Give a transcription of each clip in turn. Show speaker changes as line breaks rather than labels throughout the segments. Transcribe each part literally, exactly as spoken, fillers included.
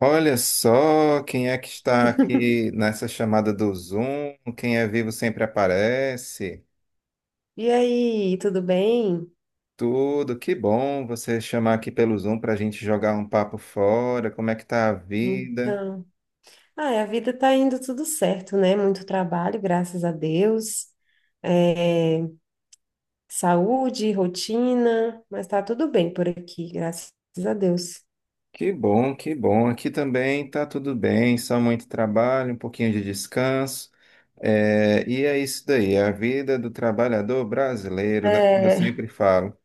Olha só quem é que está aqui nessa chamada do Zoom. Quem é vivo sempre aparece.
E aí, tudo bem?
Tudo, que bom você chamar aqui pelo Zoom para a gente jogar um papo fora. Como é que tá a vida?
Então, ah, a vida tá indo tudo certo, né? Muito trabalho, graças a Deus. É, saúde, rotina, mas tá tudo bem por aqui, graças a Deus.
Que bom, que bom. Aqui também tá tudo bem, só muito trabalho, um pouquinho de descanso. É, e é isso daí, a vida do trabalhador brasileiro, né? Como eu
É,
sempre falo.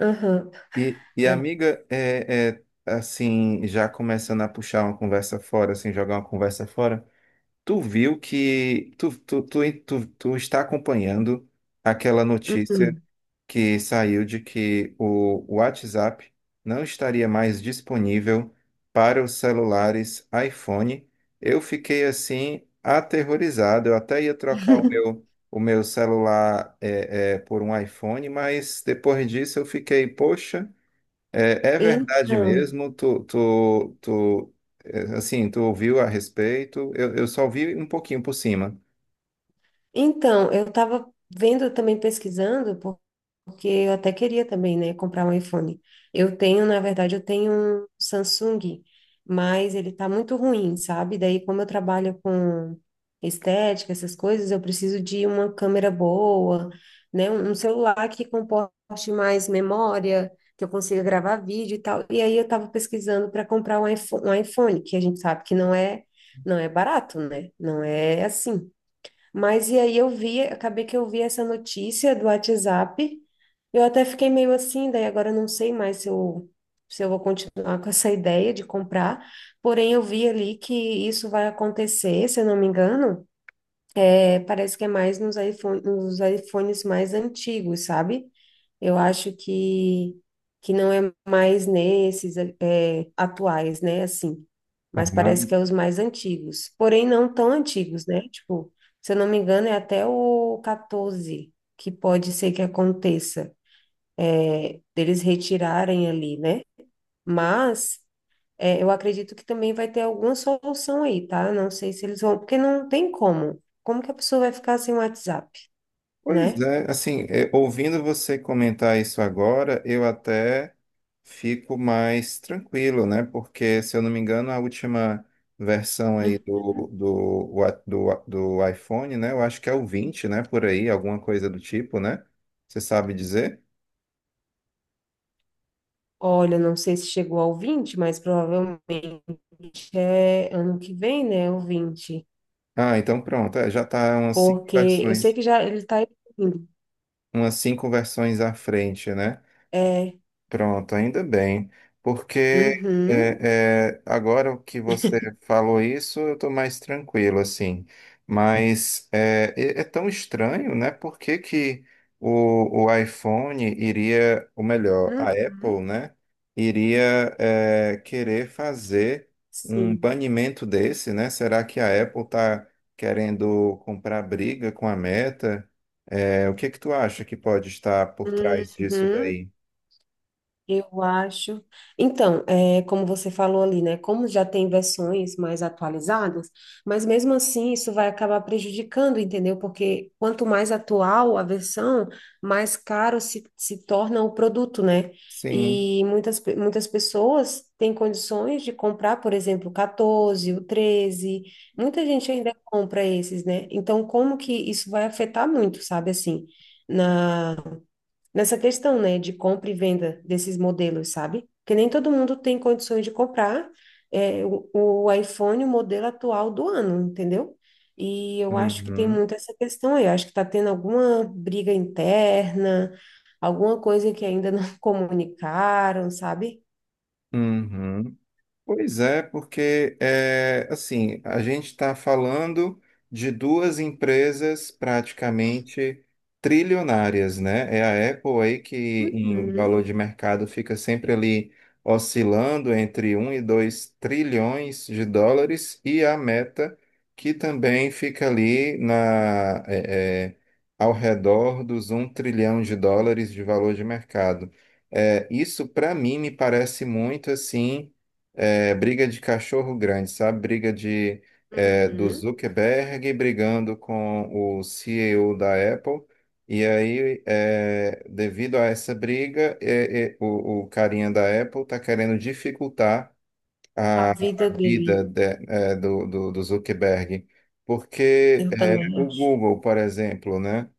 aham,
E, e
é,
amiga, é, é, assim, já começando a puxar uma conversa fora, assim, jogar uma conversa fora, tu viu que tu, tu, tu, tu, tu está acompanhando aquela notícia
uhum.
que saiu de que o WhatsApp não estaria mais disponível para os celulares iPhone. Eu fiquei assim aterrorizado, eu até ia trocar o meu o meu celular é, é, por um iPhone, mas depois disso eu fiquei, poxa. É, é verdade
Então,
mesmo, tu, tu, tu, é, assim, tu ouviu a respeito, eu, eu só ouvi um pouquinho por cima.
então, eu estava vendo também pesquisando, Porque eu até queria também, né, comprar um iPhone. Eu tenho, na verdade, eu tenho um Samsung, mas ele tá muito ruim, sabe? Daí, como eu trabalho com estética, essas coisas, eu preciso de uma câmera boa, né, um um celular que comporte mais memória, que eu consiga gravar vídeo e tal. E aí eu tava pesquisando para comprar um iPhone, um iPhone, que a gente sabe que não é, não é barato, né? Não é assim. Mas e aí eu vi, acabei que eu vi essa notícia do WhatsApp. Eu até fiquei meio assim, daí agora eu não sei mais se eu, se eu vou continuar com essa ideia de comprar. Porém, eu vi ali que isso vai acontecer, se eu não me engano. É, parece que é mais nos iPhone, nos iPhones mais antigos, sabe? Eu acho que, que não é mais nesses é, atuais, né? Assim, mas parece
Ah,
que é os mais antigos. Porém, não tão antigos, né? Tipo, se eu não me engano, é até o catorze que pode ser que aconteça, é, deles retirarem ali, né? Mas é, eu acredito que também vai ter alguma solução aí, tá? Eu não sei se eles vão, porque não tem como. Como que a pessoa vai ficar sem WhatsApp,
pois
né?
é, assim, é, ouvindo você comentar isso agora, eu até fico mais tranquilo, né? Porque, se eu não me engano, a última versão aí do,
Uhum.
do, wa- do, do iPhone, né? Eu acho que é o vinte, né? Por aí, alguma coisa do tipo, né? Você sabe dizer?
Olha, não sei se chegou ao vinte, mas provavelmente é ano que vem, né? O vinte,
Ah, então pronto, é, já tá umas cinco
porque eu sei
versões.
que já ele tá evoluindo.
Umas cinco versões à frente, né?
É.
Pronto, ainda bem, porque
Uhum.
é, é, agora que você falou isso, eu estou mais tranquilo, assim. Mas é, é- é tão estranho, né? Por que que o, o iPhone iria, ou melhor, a Apple,
Uhum.
né? Iria é, querer fazer um
Sim.
banimento desse, né? Será que a Apple está querendo comprar briga com a Meta? É, o que que tu acha que pode estar por trás disso
Uhum.
daí?
Eu acho. Então, é, como você falou ali, né? Como já tem versões mais atualizadas, mas mesmo assim isso vai acabar prejudicando, entendeu? Porque quanto mais atual a versão, mais caro se, se torna o produto, né?
Sim.
E muitas, pe- muitas pessoas têm condições de comprar, por exemplo, o catorze, o treze. Muita gente ainda compra esses, né? Então, como que isso vai afetar muito, sabe assim? Nessa questão, né, de compra e venda desses modelos, sabe? Porque nem todo mundo tem condições de comprar é, o, o iPhone, o modelo atual do ano, entendeu? E eu acho que tem
Uhum.
muito essa questão aí. Eu acho que está tendo alguma briga interna, alguma coisa que ainda não comunicaram, sabe?
Uhum. Pois é, porque é, assim, a gente está falando de duas empresas praticamente trilionárias, né? É a Apple aí que em valor
Uhum,
de mercado fica sempre ali oscilando entre um e dois trilhões de dólares e a Meta que também fica ali na, é, é, ao redor dos um trilhão de dólares de valor de mercado. É, isso para mim me parece muito assim é, briga de cachorro grande, sabe? Briga de, é, do
uhum.
Zuckerberg brigando com o C E O da Apple. E aí, é, devido a essa briga, é, é, o, o carinha da Apple está querendo dificultar
A
a,
vida
a vida
dele,
de- é, do, do, do Zuckerberg. Porque
eu
é,
também
o
acho.
Google, por exemplo, né?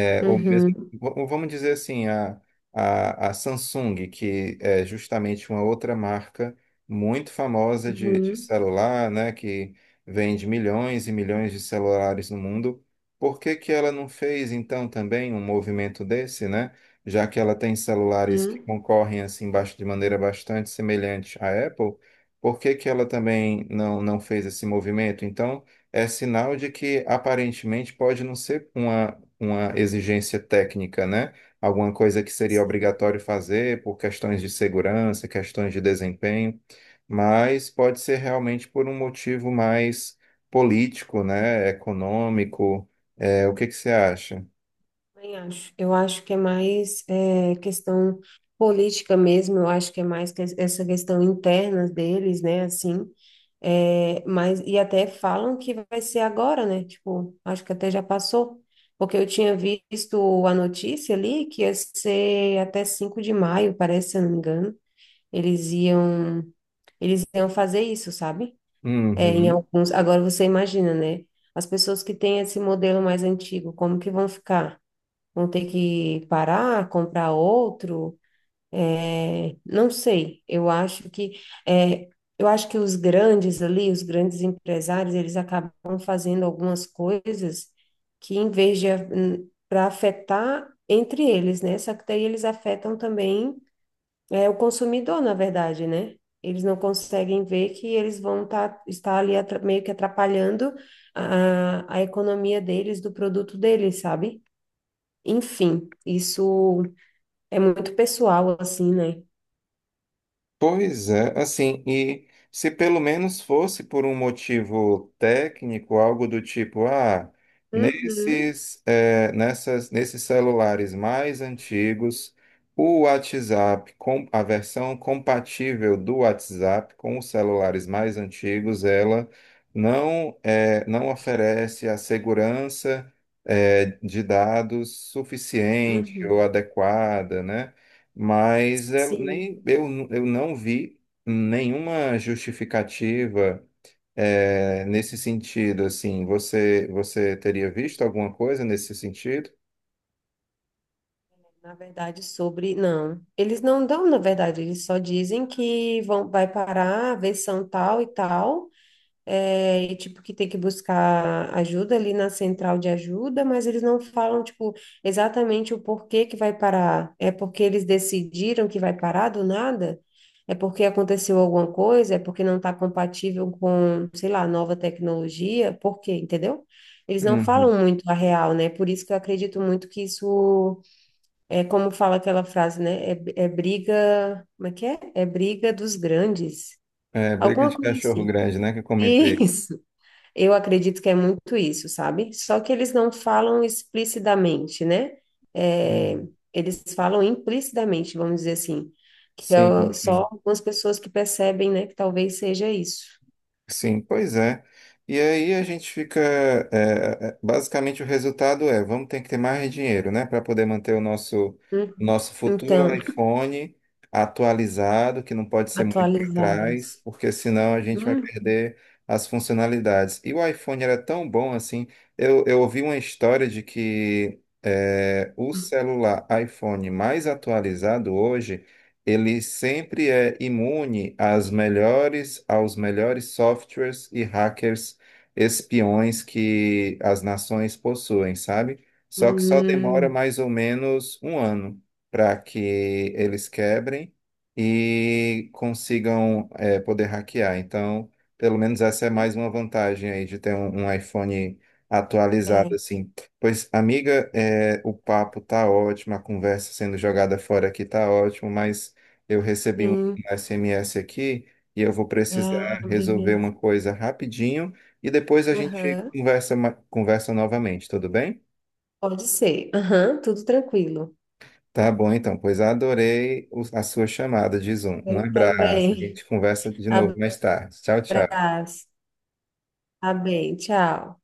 É, ou mesmo,
Uhum,
v- vamos dizer assim, a, a, a Samsung, que é justamente uma outra marca muito famosa de, de
uhum,
celular, né, que vende milhões e milhões de celulares no mundo, por que que ela não fez, então, também um movimento desse, né? Já que ela tem celulares que
uhum.
concorrem, assim, bas- de maneira bastante semelhante à Apple, por que que ela também não, não fez esse movimento? Então, é sinal de que aparentemente pode não ser uma uma exigência técnica, né? Alguma coisa que seria
Sim.
obrigatório fazer por questões de segurança, questões de desempenho, mas pode ser realmente por um motivo mais político, né? Econômico. É, o que que você acha?
Também acho. Eu acho que é mais é, questão política mesmo, eu acho que é mais que essa questão interna deles, né, assim, é, mas, e até falam que vai ser agora, né, tipo, acho que até já passou, porque eu tinha visto a notícia ali que ia ser até cinco de maio, parece, se eu não me engano, eles iam, eles iam fazer isso, sabe? É, em
Uhum.
alguns, agora você imagina, né, as pessoas que têm esse modelo mais antigo, como que vão ficar? Vão ter que parar, comprar outro, é, não sei. Eu acho que é, eu acho que os grandes ali, os grandes empresários, eles acabam fazendo algumas coisas que em vez de para afetar entre eles, né? Só que daí eles afetam também é, o consumidor, na verdade, né? Eles não conseguem ver que eles vão tá, estar ali atra- meio que atrapalhando a, a economia deles, do produto deles, sabe? Enfim, isso é muito pessoal, assim, né?
Pois é, assim, e se pelo menos fosse por um motivo técnico, algo do tipo, ah,
Uhum,
nesses, eh, nessas, nesses celulares mais antigos, o WhatsApp, com, a versão compatível do WhatsApp com os celulares mais antigos, ela não, eh, não oferece a segurança, eh, de dados suficiente ou
uhum.
adequada, né? Mas eu,
Sim,
nem, eu, eu não vi nenhuma justificativa eh, nesse sentido, assim, você, você teria visto alguma coisa nesse sentido?
na verdade, sobre. Não, eles não dão, na verdade, eles só dizem que vão, vai parar a versão tal e tal. É, e, tipo, que tem que buscar ajuda ali na central de ajuda, mas eles não falam, tipo, exatamente o porquê que vai parar. É porque eles decidiram que vai parar do nada? É porque aconteceu alguma coisa? É porque não está compatível com, sei lá, nova tecnologia? Por quê? Entendeu? Eles não
Uhum.
falam muito a real, né? Por isso que eu acredito muito que isso é como fala aquela frase, né? É, é briga, como é que é? É briga dos grandes.
É, briga
Alguma
de
coisa
cachorro
assim.
grande, né, que eu comentei.
Isso. Eu acredito que é muito isso, sabe? Só que eles não falam explicitamente, né? É,
Uhum.
eles falam implicitamente, vamos dizer assim, que é
Sim,
o- só
enfim.
algumas pessoas que percebem, né, que talvez seja isso.
Sim, pois é. E aí a gente fica. é, é, basicamente o resultado é, vamos ter que ter mais dinheiro, né? Para poder manter o nosso,
Hum.
o nosso futuro
Então,
iPhone atualizado, que não pode ser muito para trás,
atualizados.
porque senão a gente vai
Hum,
perder as funcionalidades. E o iPhone era tão bom assim. Eu, eu ouvi uma história de que é, o celular iPhone mais atualizado hoje ele sempre é imune às melhores, aos melhores softwares e hackers espiões que as nações possuem, sabe?
hum,
Só que só demora
hum,
mais ou menos um ano para que eles quebrem e consigam eh, poder hackear. Então, pelo menos essa é mais uma vantagem aí de ter um, um iPhone atualizado
é,
assim. Pois, amiga, eh, o papo tá ótimo, a conversa sendo jogada fora aqui tá ótimo, mas eu recebi um
sim.
S M S aqui e eu vou precisar
Ah,
resolver uma
beleza.
coisa rapidinho e depois a gente
Aham.
conversa, ma- conversa novamente, tudo bem?
Pode ser. Aham, tudo tranquilo.
Tá bom, então, pois adorei o- a sua chamada de Zoom. Um
Eu
abraço, a
também.
gente conversa de novo mais tarde. Tchau, tchau.
Abraço. Tá bem, tchau.